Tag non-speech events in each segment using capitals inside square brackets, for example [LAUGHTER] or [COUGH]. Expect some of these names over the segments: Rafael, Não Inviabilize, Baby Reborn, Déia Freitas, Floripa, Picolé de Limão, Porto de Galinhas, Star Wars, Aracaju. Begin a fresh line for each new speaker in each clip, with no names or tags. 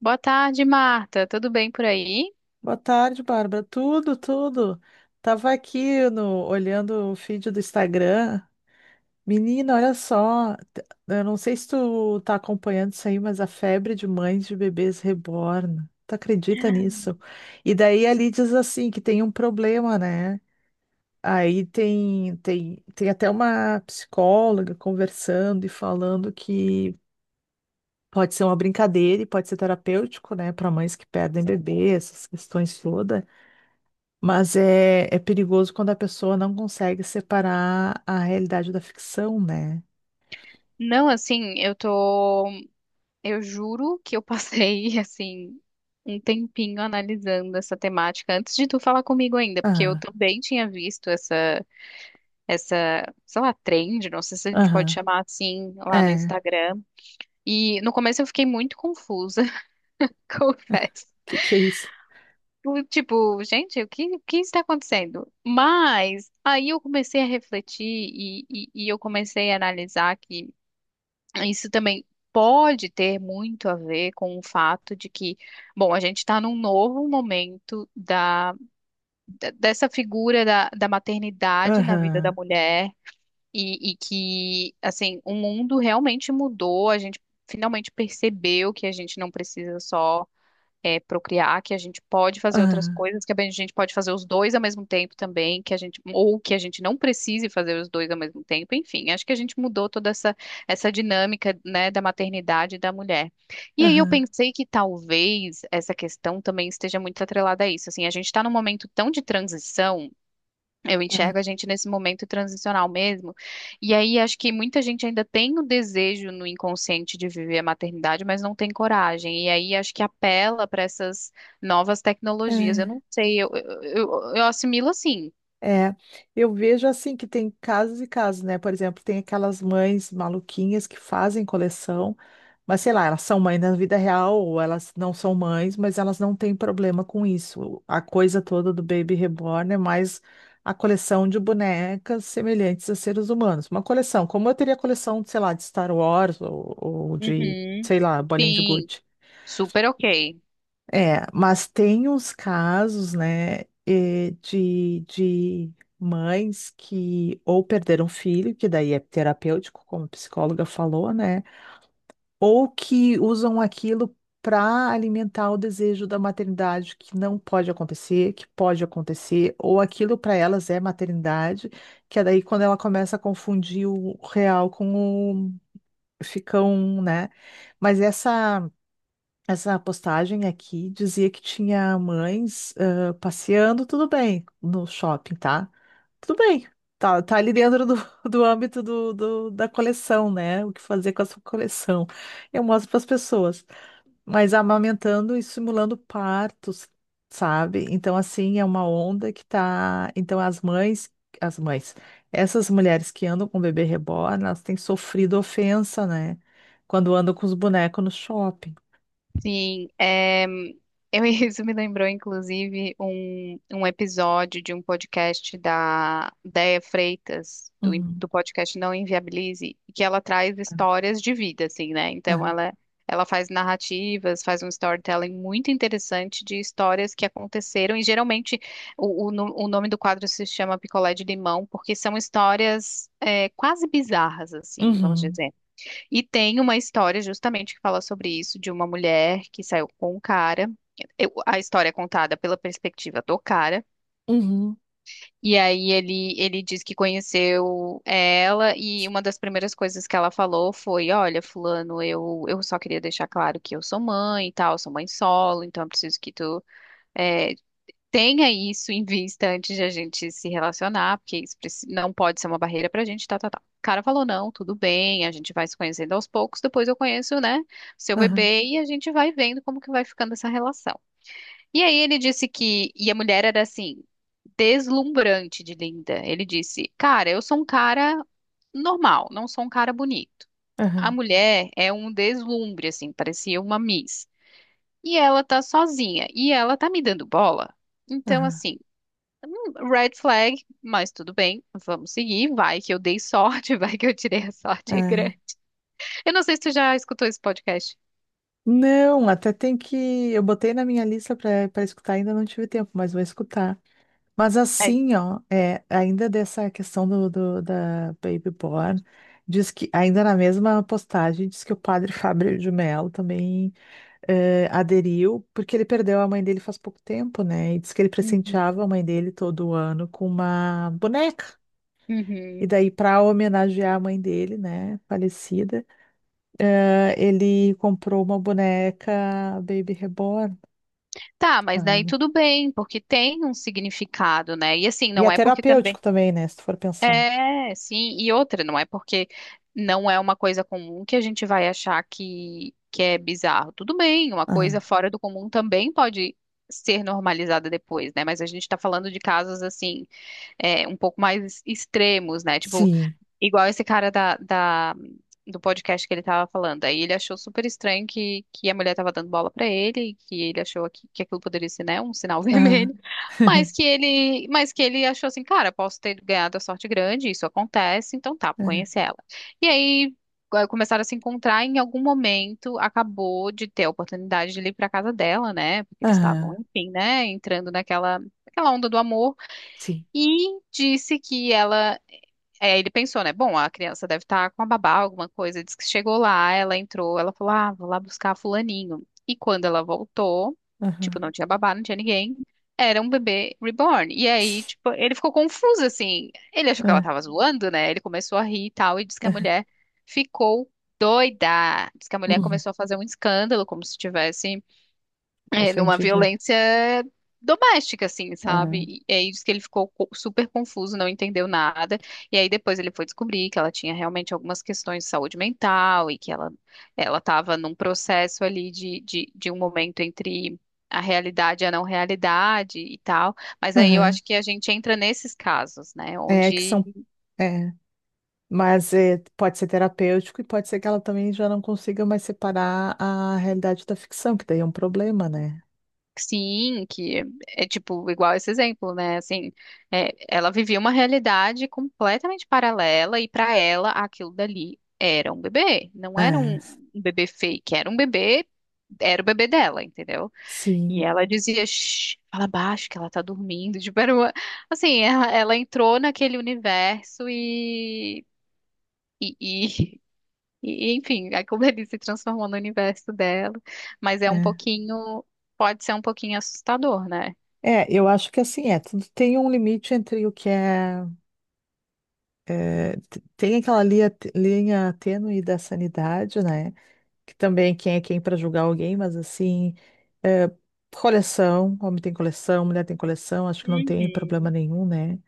Boa tarde, Marta. Tudo bem por aí?
Boa tarde, Bárbara. Tudo, tudo. Tava aqui no, olhando o feed do Instagram. Menina, olha só. Eu não sei se tu tá acompanhando isso aí, mas a febre de mães de bebês reborn. Tu acredita nisso? E daí ali diz assim que tem um problema, né? Aí tem até uma psicóloga conversando e falando que pode ser uma brincadeira e pode ser terapêutico, né, para mães que perdem bebê, essas questões todas. Mas é perigoso quando a pessoa não consegue separar a realidade da ficção, né?
Não, assim, eu tô. Eu juro que eu passei, [LAUGHS] assim, um tempinho analisando essa temática antes de tu falar comigo ainda, porque eu
Aham,
também tinha visto essa, sei lá, trend, não sei se a gente pode
aham,
chamar assim, lá no
é.
Instagram. E no começo eu fiquei muito confusa, [LAUGHS] confesso.
Que é isso?
Tipo, gente, o que está acontecendo? Mas aí eu comecei a refletir e eu comecei a analisar que isso também pode ter muito a ver com o fato de que, bom, a gente está num novo momento dessa figura da maternidade na vida da
Aham,
mulher e que, assim, o mundo realmente mudou, a gente finalmente percebeu que a gente não precisa só procriar, que a gente pode fazer outras
aham,
coisas, que a gente pode fazer os dois ao mesmo tempo também, que a gente, ou que a gente não precise fazer os dois ao mesmo tempo, enfim, acho que a gente mudou toda essa dinâmica, né, da maternidade e da mulher. E aí eu
aham,
pensei que talvez essa questão também esteja muito atrelada a isso, assim, a gente está num momento tão de transição, eu
aham,
enxergo a gente nesse momento transicional mesmo. E aí acho que muita gente ainda tem o desejo no inconsciente de viver a maternidade, mas não tem coragem. E aí acho que apela para essas novas tecnologias. Eu
é.
não sei, eu assimilo assim.
É, eu vejo assim que tem casos e casos, né? Por exemplo, tem aquelas mães maluquinhas que fazem coleção. Mas sei lá, elas são mães na vida real ou elas não são mães, mas elas não têm problema com isso. A coisa toda do Baby Reborn é mais a coleção de bonecas semelhantes a seres humanos. Uma coleção, como eu teria coleção, sei lá, de Star Wars ou de,
Uhum.
sei lá, bolinha de
Sim,
gude.
super ok.
É, mas tem uns casos, né, de mães que ou perderam filho, que daí é terapêutico, como a psicóloga falou, né? Ou que usam aquilo para alimentar o desejo da maternidade, que não pode acontecer, que pode acontecer, ou aquilo para elas é maternidade, que é daí quando ela começa a confundir o real com o ficam, né? Mas essa postagem aqui dizia que tinha mães passeando, tudo bem, no shopping, tá? Tudo bem, tá ali dentro do, [LAUGHS] do âmbito da coleção, né? O que fazer com essa coleção. Eu mostro para as pessoas. Mas amamentando e simulando partos, sabe? Então, assim, é uma onda que tá. Então, as mães, essas mulheres que andam com bebê reborn, elas têm sofrido ofensa, né? Quando andam com os bonecos no shopping.
Sim, é, eu, [LAUGHS] isso me lembrou, inclusive, um episódio de um podcast da Déia Freitas,
Uhum.
do podcast Não Inviabilize, que ela traz histórias de vida, assim, né? Então,
Aham.
ela, ela faz narrativas, faz um storytelling muito interessante de histórias que aconteceram, e geralmente o nome do quadro se chama Picolé de Limão, porque são histórias quase bizarras, assim, vamos
Uhum.
dizer. E tem uma história justamente que fala sobre isso, de uma mulher que saiu com um cara. A história é contada pela perspectiva do cara.
Uhum.
E aí ele diz que conheceu ela e uma das primeiras coisas que ela falou foi: olha, fulano, eu só queria deixar claro que eu sou mãe e tal, sou mãe solo, então eu preciso que tu eh, tenha isso em vista antes de a gente se relacionar, porque isso não pode ser uma barreira pra gente, tá, tá, tá. O cara falou: não, tudo bem, a gente vai se conhecendo aos poucos, depois eu conheço, né, seu
Aham.
bebê, e a gente vai vendo como que vai ficando essa relação. E aí ele disse que, e a mulher era assim, deslumbrante de linda. Ele disse: cara, eu sou um cara normal, não sou um cara bonito. A
Aham.
mulher é um deslumbre, assim, parecia uma Miss. E ela tá sozinha, e ela tá me dando bola. Então,
Aham.
assim, hum, red flag, mas tudo bem, vamos seguir. Vai que eu dei sorte, [LAUGHS] vai que eu tirei a sorte é
É.
grande. Eu não sei se tu já escutou esse podcast.
Não, até tem que. Eu botei na minha lista para escutar, ainda não tive tempo, mas vou escutar. Mas
É.
assim, ó, é, ainda dessa questão do, da Baby Born, diz que, ainda na mesma postagem, diz que o padre [LAUGHS] Fábio de Mello também aderiu, porque ele perdeu a mãe dele faz pouco tempo, né? E diz que ele presenteava
Uhum,
a mãe dele todo ano com uma boneca. E
uhum.
daí, para homenagear a mãe dele, né, falecida, ele comprou uma boneca Baby Reborn,
Tá, mas daí
sabe?
tudo bem, porque tem um significado, né? E assim,
E é
não é porque também.
terapêutico também, né, se tu for pensar.
É, sim, e outra, não é porque não é uma coisa comum que a gente vai achar que é bizarro. Tudo bem, uma coisa
Ah,
fora do comum também pode ser normalizada depois, né? Mas a gente tá falando de casos assim, um pouco mais extremos, né? Tipo,
sim.
igual esse cara do podcast que ele tava falando. Aí ele achou super estranho que a mulher tava dando bola pra ele, que ele achou que aquilo poderia ser, né, um sinal [LAUGHS]
Ah,
vermelho.
[LAUGHS]
Mas que ele achou assim, cara, posso ter ganhado a sorte grande, isso acontece, então tá, vou
ah,
conhecer ela. E aí começaram a se encontrar, e em algum momento acabou de ter a oportunidade de ele ir pra casa dela, né? Porque eles estavam,
ah,
enfim, né, entrando naquela onda do amor,
sim.
e disse que ela ele pensou, né? Bom, a criança deve estar com a babá, alguma coisa. Diz que chegou lá, ela entrou, ela falou: ah, vou lá buscar fulaninho. E quando ela voltou, tipo,
Aham.
não tinha babá, não tinha ninguém. Era um bebê reborn. E aí, tipo, ele ficou confuso, assim. Ele achou que ela
Ah,
tava zoando, né? Ele começou a rir e tal, e disse que a mulher ficou doida. Diz que a mulher
uhum.
começou a fazer um escândalo, como se tivesse numa
Ofendido. É.
violência doméstica, assim,
Ah,
sabe? E aí diz que ele ficou super confuso, não entendeu nada. E aí depois ele foi descobrir que ela tinha realmente algumas questões de saúde mental e que ela estava num processo ali de um momento entre a realidade e a não realidade e tal. Mas aí eu
aham.
acho que a gente entra nesses casos, né?
É que
Onde,
são. É, mas pode ser terapêutico e pode ser que ela também já não consiga mais separar a realidade da ficção, que daí é um problema, né?
sim, que é, é, tipo igual esse exemplo, né? Assim, é, ela vivia uma realidade completamente paralela e para ela aquilo dali era um bebê, não era
É.
um bebê fake, era um bebê, era o bebê dela, entendeu? E
Sim,
ela dizia: shh, fala baixo que ela tá dormindo, [LAUGHS] tipo, assim, ela entrou naquele universo e, e, [LAUGHS] e enfim, aquilo ali se transformou no universo dela, mas é um
é.
pouquinho, pode ser um pouquinho assustador, né?
É, eu acho que assim é, tudo tem um limite entre o que é, tem aquela linha tênue da sanidade, né? Que também quem é quem para julgar alguém, mas assim, coleção, homem tem coleção, mulher tem coleção, acho que não tem problema
Uhum.
nenhum, né?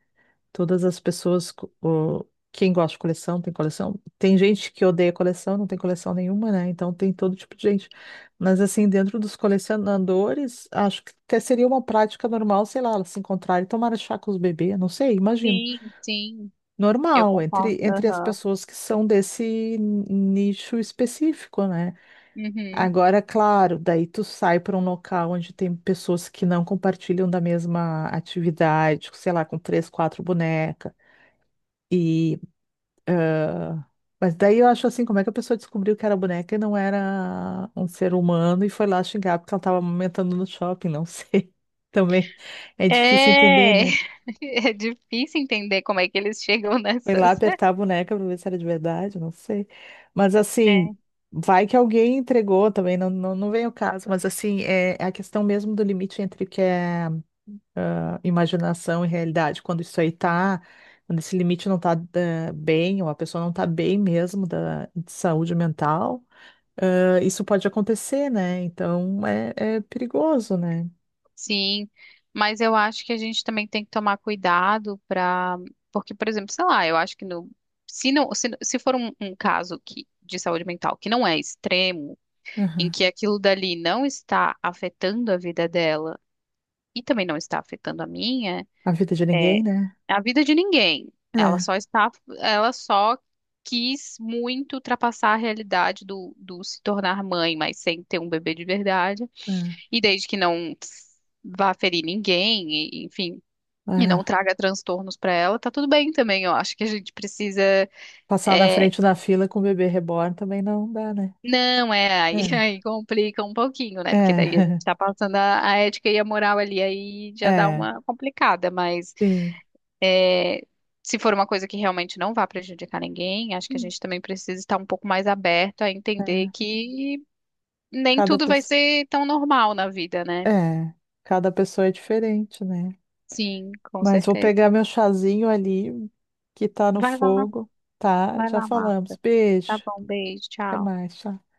Todas as pessoas, quem gosta de coleção. Tem gente que odeia coleção, não tem coleção nenhuma, né? Então tem todo tipo de gente. Mas assim, dentro dos colecionadores, acho que até seria uma prática normal, sei lá, elas se encontrarem e tomar chá com os bebês, não sei, imagino.
Sim, sim, eu
Normal, entre,
concordo.
entre as
Aham.
pessoas que são desse nicho específico, né?
Uhum.
Agora, claro, daí tu sai para um local onde tem pessoas que não compartilham da mesma atividade, sei lá, com três, quatro bonecas. E Mas daí eu acho assim, como é que a pessoa descobriu que era boneca e não era um ser humano e foi lá xingar porque ela estava amamentando no shopping, não sei. [LAUGHS] Também é difícil entender,
É,
né?
[LAUGHS] é difícil entender como é que eles chegam
Foi lá
nessas.
apertar a
[LAUGHS]
boneca para ver se era de verdade, não sei. Mas assim,
É,
vai que alguém entregou também, não, não, não vem o caso, mas assim, é a questão mesmo do limite entre o que é imaginação e realidade. Quando isso aí tá, quando esse limite não tá bem, ou a pessoa não tá bem mesmo de saúde mental. Isso pode acontecer, né? Então é perigoso, né?
sim, mas eu acho que a gente também tem que tomar cuidado para, porque, por exemplo, sei lá, eu acho que no, se não, se for um caso que, de saúde mental que não é extremo, em
Aham.
que aquilo dali não está afetando a vida dela e também não está afetando a minha.
A vida de ninguém, né?
É a vida de ninguém. Ela
É,
só está, ela só quis muito ultrapassar a realidade do se tornar mãe, mas sem ter um bebê de verdade.
é,
E desde que não vá ferir ninguém, enfim, e
é.
não traga transtornos para ela, tá tudo bem também. Eu acho que a gente precisa.
Passar na
É,
frente da fila com o bebê reborn também não dá, né?
não, é, aí,
É,
[LAUGHS] aí complica um pouquinho, né? Porque daí a gente
é,
tá passando a ética e a moral ali, aí
[LAUGHS]
já dá
é,
uma complicada, mas.
sim.
É, se for uma coisa que realmente não vá prejudicar ninguém, acho que a
Hum.
gente também precisa estar um pouco mais aberto a entender
É.
que nem
Cada
tudo vai
pessoa,
ser tão normal na vida, né?
é, cada pessoa é diferente, né?
Sim, com
Mas vou
certeza.
pegar meu chazinho ali que tá no
Vai lá,
fogo, tá?
vai
Já
lá,
falamos.
Marta. Tá
Beijo.
bom, beijo,
Até
tchau.
mais, tchau.